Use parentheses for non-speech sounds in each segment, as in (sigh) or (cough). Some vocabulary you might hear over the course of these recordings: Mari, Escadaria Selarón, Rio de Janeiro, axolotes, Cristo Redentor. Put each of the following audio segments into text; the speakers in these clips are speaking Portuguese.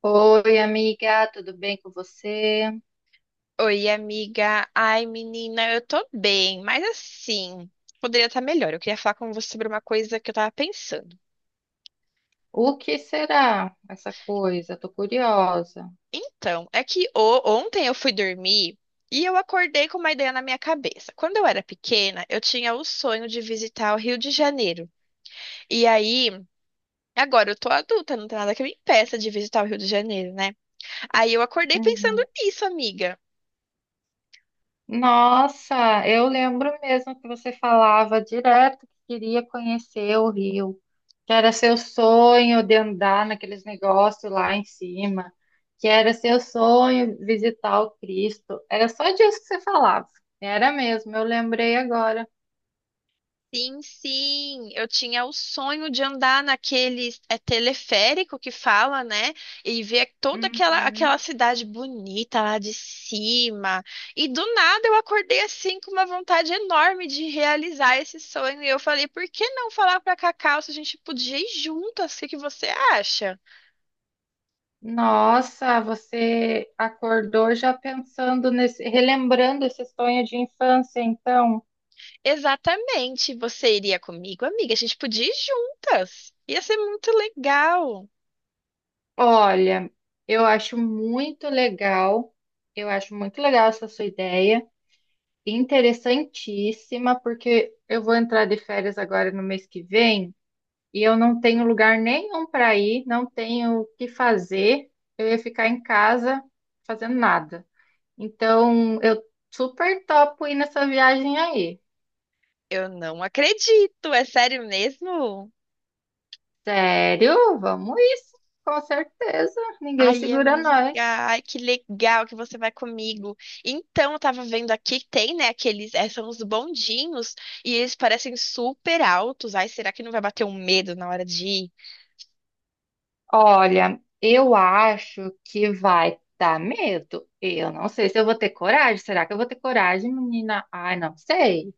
Oi, amiga, tudo bem com você? Oi, amiga. Ai, menina, eu tô bem, mas assim, poderia estar melhor. Eu queria falar com você sobre uma coisa que eu tava pensando. O que será essa coisa? Tô curiosa. Então, é que ontem eu fui dormir e eu acordei com uma ideia na minha cabeça. Quando eu era pequena, eu tinha o sonho de visitar o Rio de Janeiro. E aí, agora eu tô adulta, não tem nada que me impeça de visitar o Rio de Janeiro, né? Aí eu acordei pensando Uhum. nisso, amiga. Nossa, eu lembro mesmo que você falava direto que queria conhecer o Rio, que era seu sonho de andar naqueles negócios lá em cima, que era seu sonho visitar o Cristo. Era só disso que você falava. Era mesmo, eu lembrei agora. Sim, sim, eu tinha o sonho de andar naquele teleférico que fala, né? E ver toda aquela, Uhum. aquela cidade bonita lá de cima. E do nada eu acordei assim com uma vontade enorme de realizar esse sonho. E eu falei, por que não falar para Cacau se a gente podia ir juntas? O que que você acha? Nossa, você acordou já pensando nesse, relembrando esse sonho de infância, então. Exatamente, você iria comigo, amiga? A gente podia ir juntas. Ia ser muito legal. Olha, eu acho muito legal, eu acho muito legal essa sua ideia, interessantíssima, porque eu vou entrar de férias agora no mês que vem e eu não tenho lugar nenhum para ir, não tenho o que fazer, eu ia ficar em casa fazendo nada. Então, eu super topo ir nessa viagem aí. Eu não acredito, é sério mesmo? Sério? Vamos isso, com certeza. Ninguém Ai, segura amiga, nós. ai, que legal que você vai comigo. Então, eu tava vendo aqui, que tem, né, aqueles, são os bondinhos, e eles parecem super altos. Ai, será que não vai bater um medo na hora de ir? Olha, eu acho que vai dar medo. Eu não sei se eu vou ter coragem. Será que eu vou ter coragem, menina? Ai, não sei.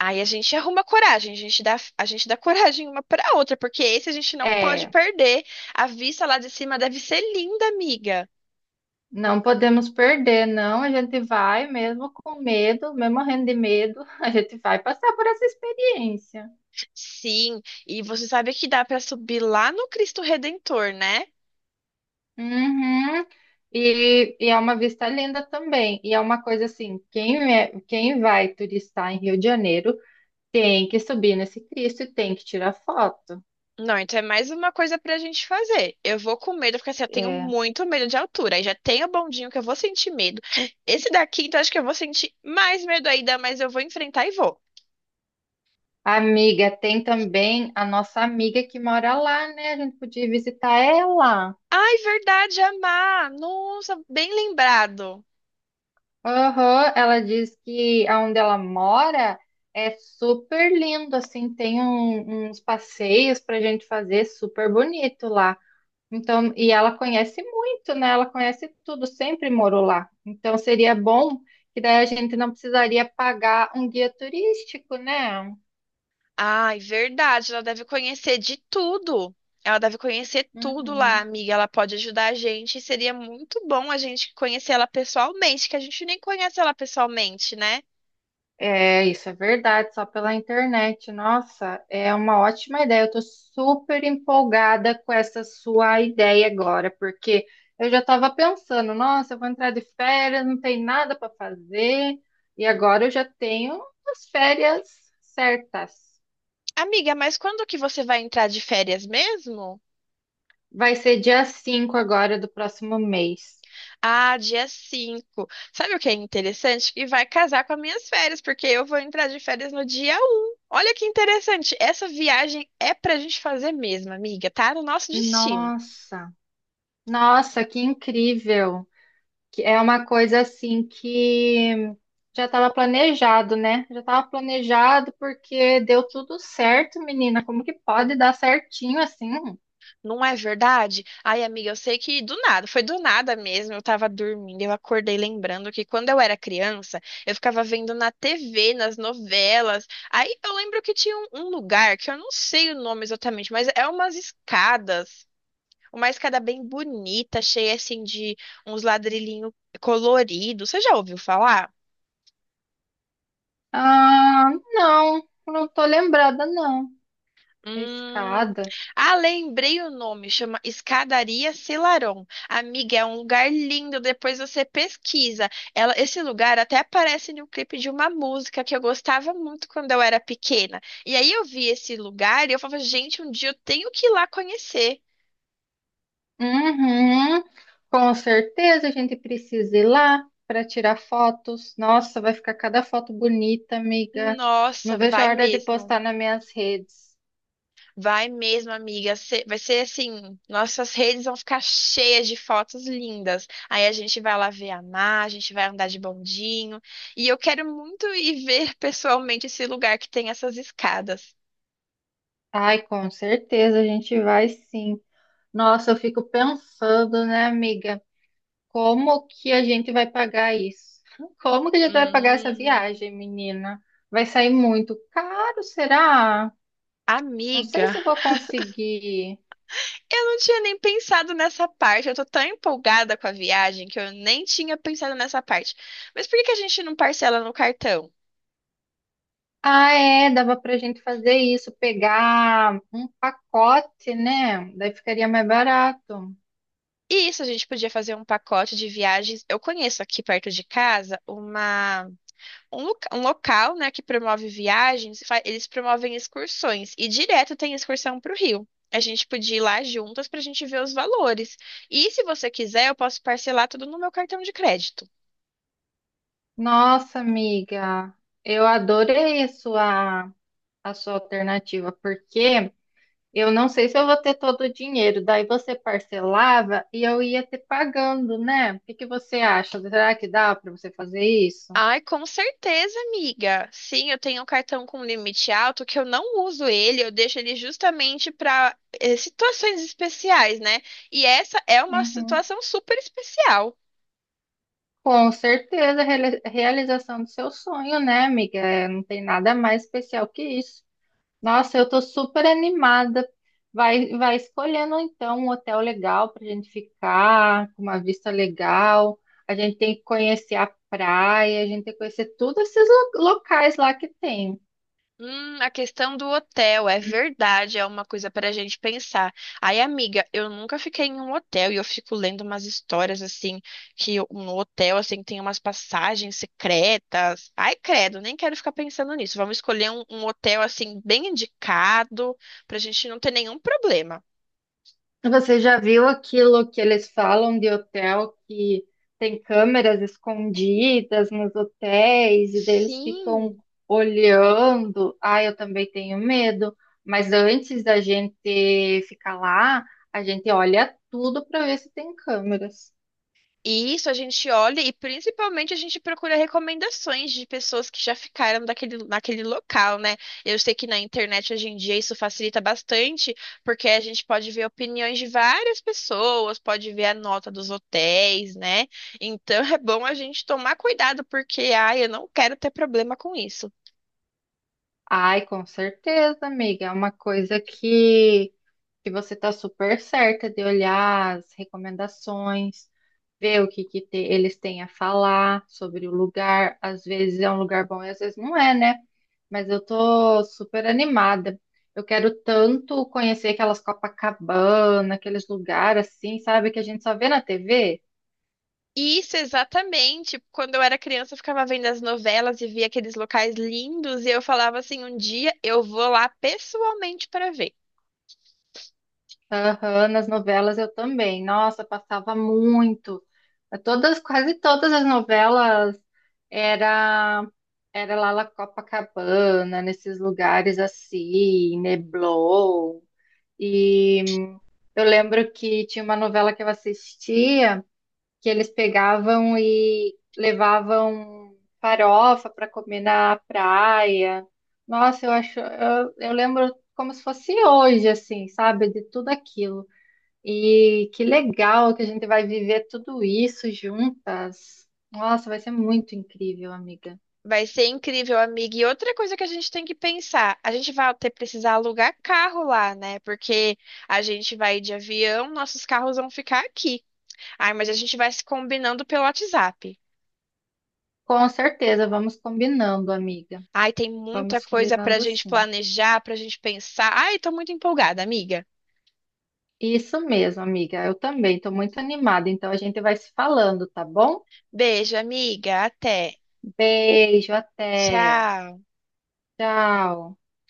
Aí a gente arruma coragem, a gente dá (laughs) coragem uma pra outra, porque esse a gente não pode É, perder. A vista lá de cima deve ser linda, amiga. não podemos perder, não. A gente vai, mesmo com medo, mesmo morrendo de medo, (laughs) a gente vai passar por essa experiência. Sim, e você sabe que dá pra subir lá no Cristo Redentor, né? Uhum. E é uma vista linda também. E é uma coisa assim, quem, é, quem vai turistar em Rio de Janeiro, tem que subir nesse Cristo e tem que tirar foto. Não, então é mais uma coisa pra gente fazer. Eu vou com medo, porque assim, eu tenho É. muito medo de altura. Aí já tem o bondinho que eu vou sentir medo. Esse daqui, então acho que eu vou sentir mais medo ainda, mas eu vou enfrentar e vou. Amiga, tem também a nossa amiga que mora lá, né? A gente podia visitar ela. Ai, verdade, Amar. Nossa, bem lembrado. Aham, ela diz que aonde ela mora é super lindo, assim, tem uns passeios pra gente fazer super bonito lá. Então, e ela conhece muito, né? Ela conhece tudo, sempre morou lá. Então, seria bom que daí a gente não precisaria pagar um guia turístico, né? Ai, verdade, ela deve conhecer de tudo. Ela deve conhecer tudo lá, Uhum. amiga. Ela pode ajudar a gente. E seria muito bom a gente conhecer ela pessoalmente, que a gente nem conhece ela pessoalmente, né? É, isso é verdade, só pela internet. Nossa, é uma ótima ideia. Eu tô super empolgada com essa sua ideia agora, porque eu já estava pensando, nossa, eu vou entrar de férias, não tem nada para fazer, e agora eu já tenho as férias certas. Amiga, mas quando que você vai entrar de férias mesmo? Vai ser dia 5 agora do próximo mês. Ah, dia cinco. Sabe o que é interessante? Que vai casar com as minhas férias, porque eu vou entrar de férias no dia um. Olha que interessante. Essa viagem é pra gente fazer mesmo, amiga. Tá no nosso destino. Nossa, Nossa, que incrível! Que é uma coisa assim que já estava planejado, né? Já estava planejado porque deu tudo certo, menina. Como que pode dar certinho assim? Não é verdade? Ai, amiga, eu sei que do nada, foi do nada mesmo. Eu tava dormindo, eu acordei lembrando que quando eu era criança, eu ficava vendo na TV, nas novelas. Aí eu lembro que tinha um lugar que eu não sei o nome exatamente, mas é umas escadas. Uma escada bem bonita, cheia assim de uns ladrilhinhos coloridos. Você já ouviu falar? Ah, não, não tô lembrada, não. Hum... Escada. Ah, lembrei o nome, chama Escadaria Selarón. Amiga, é um lugar lindo, depois você pesquisa. Ela, esse lugar até aparece no clipe de uma música que eu gostava muito quando eu era pequena. E aí eu vi esse lugar e eu falava, gente, um dia eu tenho que ir lá conhecer. Uhum. Com certeza a gente precisa ir lá para tirar fotos. Nossa, vai ficar cada foto bonita, amiga. Não Nossa, vejo a vai hora de mesmo. postar nas minhas redes. Vai mesmo, amiga. Vai ser assim, nossas redes vão ficar cheias de fotos lindas. Aí a gente vai lá ver a mar, a gente vai andar de bondinho. E eu quero muito ir ver pessoalmente esse lugar que tem essas escadas. Ai, com certeza a gente vai sim. Nossa, eu fico pensando, né, amiga? Como que a gente vai pagar isso? Como que a gente vai pagar essa Hum, viagem, menina? Vai sair muito caro, será? Não Amiga, sei se eu vou conseguir. eu não tinha nem pensado nessa parte. Eu tô tão empolgada com a viagem que eu nem tinha pensado nessa parte. Mas por que que a gente não parcela no cartão? Ah, é, dava pra gente fazer isso, pegar um pacote, né? Daí ficaria mais barato. E isso, a gente podia fazer um pacote de viagens. Eu conheço aqui perto de casa uma. Um local, né, que promove viagens, eles promovem excursões e direto tem excursão para o Rio. A gente podia ir lá juntas para a gente ver os valores. E se você quiser, eu posso parcelar tudo no meu cartão de crédito. Nossa, amiga, eu adorei a sua alternativa, porque. Eu não sei se eu vou ter todo o dinheiro. Daí você parcelava e eu ia ter pagando, né? O que que você acha? Será que dá para você fazer isso? Ai, com certeza, amiga. Sim, eu tenho um cartão com limite alto que eu não uso ele, eu deixo ele justamente para situações especiais, né? E essa é uma Uhum. situação super especial. Com certeza, realização do seu sonho, né, amiga? É, não tem nada mais especial que isso. Nossa, eu tô super animada. Vai escolhendo então um hotel legal pra gente ficar, com uma vista legal. A gente tem que conhecer a praia, a gente tem que conhecer todos esses locais lá que tem. A questão do hotel, é verdade, é uma coisa para a gente pensar. Aí, amiga, eu nunca fiquei em um hotel e eu fico lendo umas histórias assim, no hotel, assim, tem umas passagens secretas. Ai, credo, nem quero ficar pensando nisso. Vamos escolher um hotel, assim, bem indicado, para a gente não ter nenhum problema. Você já viu aquilo que eles falam de hotel que tem câmeras escondidas nos hotéis e deles ficam Sim. olhando? Ah, eu também tenho medo, mas antes da gente ficar lá, a gente olha tudo para ver se tem câmeras. E isso a gente olha e principalmente a gente procura recomendações de pessoas que já ficaram daquele, naquele local, né? Eu sei que na internet hoje em dia isso facilita bastante, porque a gente pode ver opiniões de várias pessoas, pode ver a nota dos hotéis, né? Então (laughs) é bom a gente tomar cuidado, porque, ai, eu não quero ter problema com isso. Ai, com certeza, amiga, é uma coisa que você está super certa de olhar as recomendações, ver o que que eles têm a falar sobre o lugar. Às vezes é um lugar bom e às vezes não é, né? Mas eu tô super animada. Eu quero tanto conhecer aquelas Copacabana, aqueles lugares assim, sabe, que a gente só vê na TV. Isso, exatamente. Quando eu era criança, eu ficava vendo as novelas e via aqueles locais lindos, e eu falava assim: um dia eu vou lá pessoalmente para ver. Aham, nas novelas eu também. Nossa, passava muito. É. Todas, quase todas as novelas era era lá na Copacabana, nesses lugares assim, Neblon. E eu lembro que tinha uma novela que eu assistia que eles pegavam e levavam farofa para comer na praia. Nossa, eu acho, eu lembro como se fosse hoje, assim, sabe, de tudo aquilo. E que legal que a gente vai viver tudo isso juntas. Nossa, vai ser muito incrível, amiga. Vai ser incrível, amiga. E outra coisa que a gente tem que pensar, a gente vai ter precisar alugar carro lá, né? Porque a gente vai de avião, nossos carros vão ficar aqui. Ai, mas a gente vai se combinando pelo WhatsApp. Com certeza, vamos combinando, amiga. Ai, tem muita Vamos coisa pra combinando gente assim. planejar, pra gente pensar. Ai, tô muito empolgada, amiga. Isso mesmo, amiga. Eu também estou muito animada, então a gente vai se falando, tá bom? Beijo, amiga. Até. Beijo, até. Tchau. Tchau.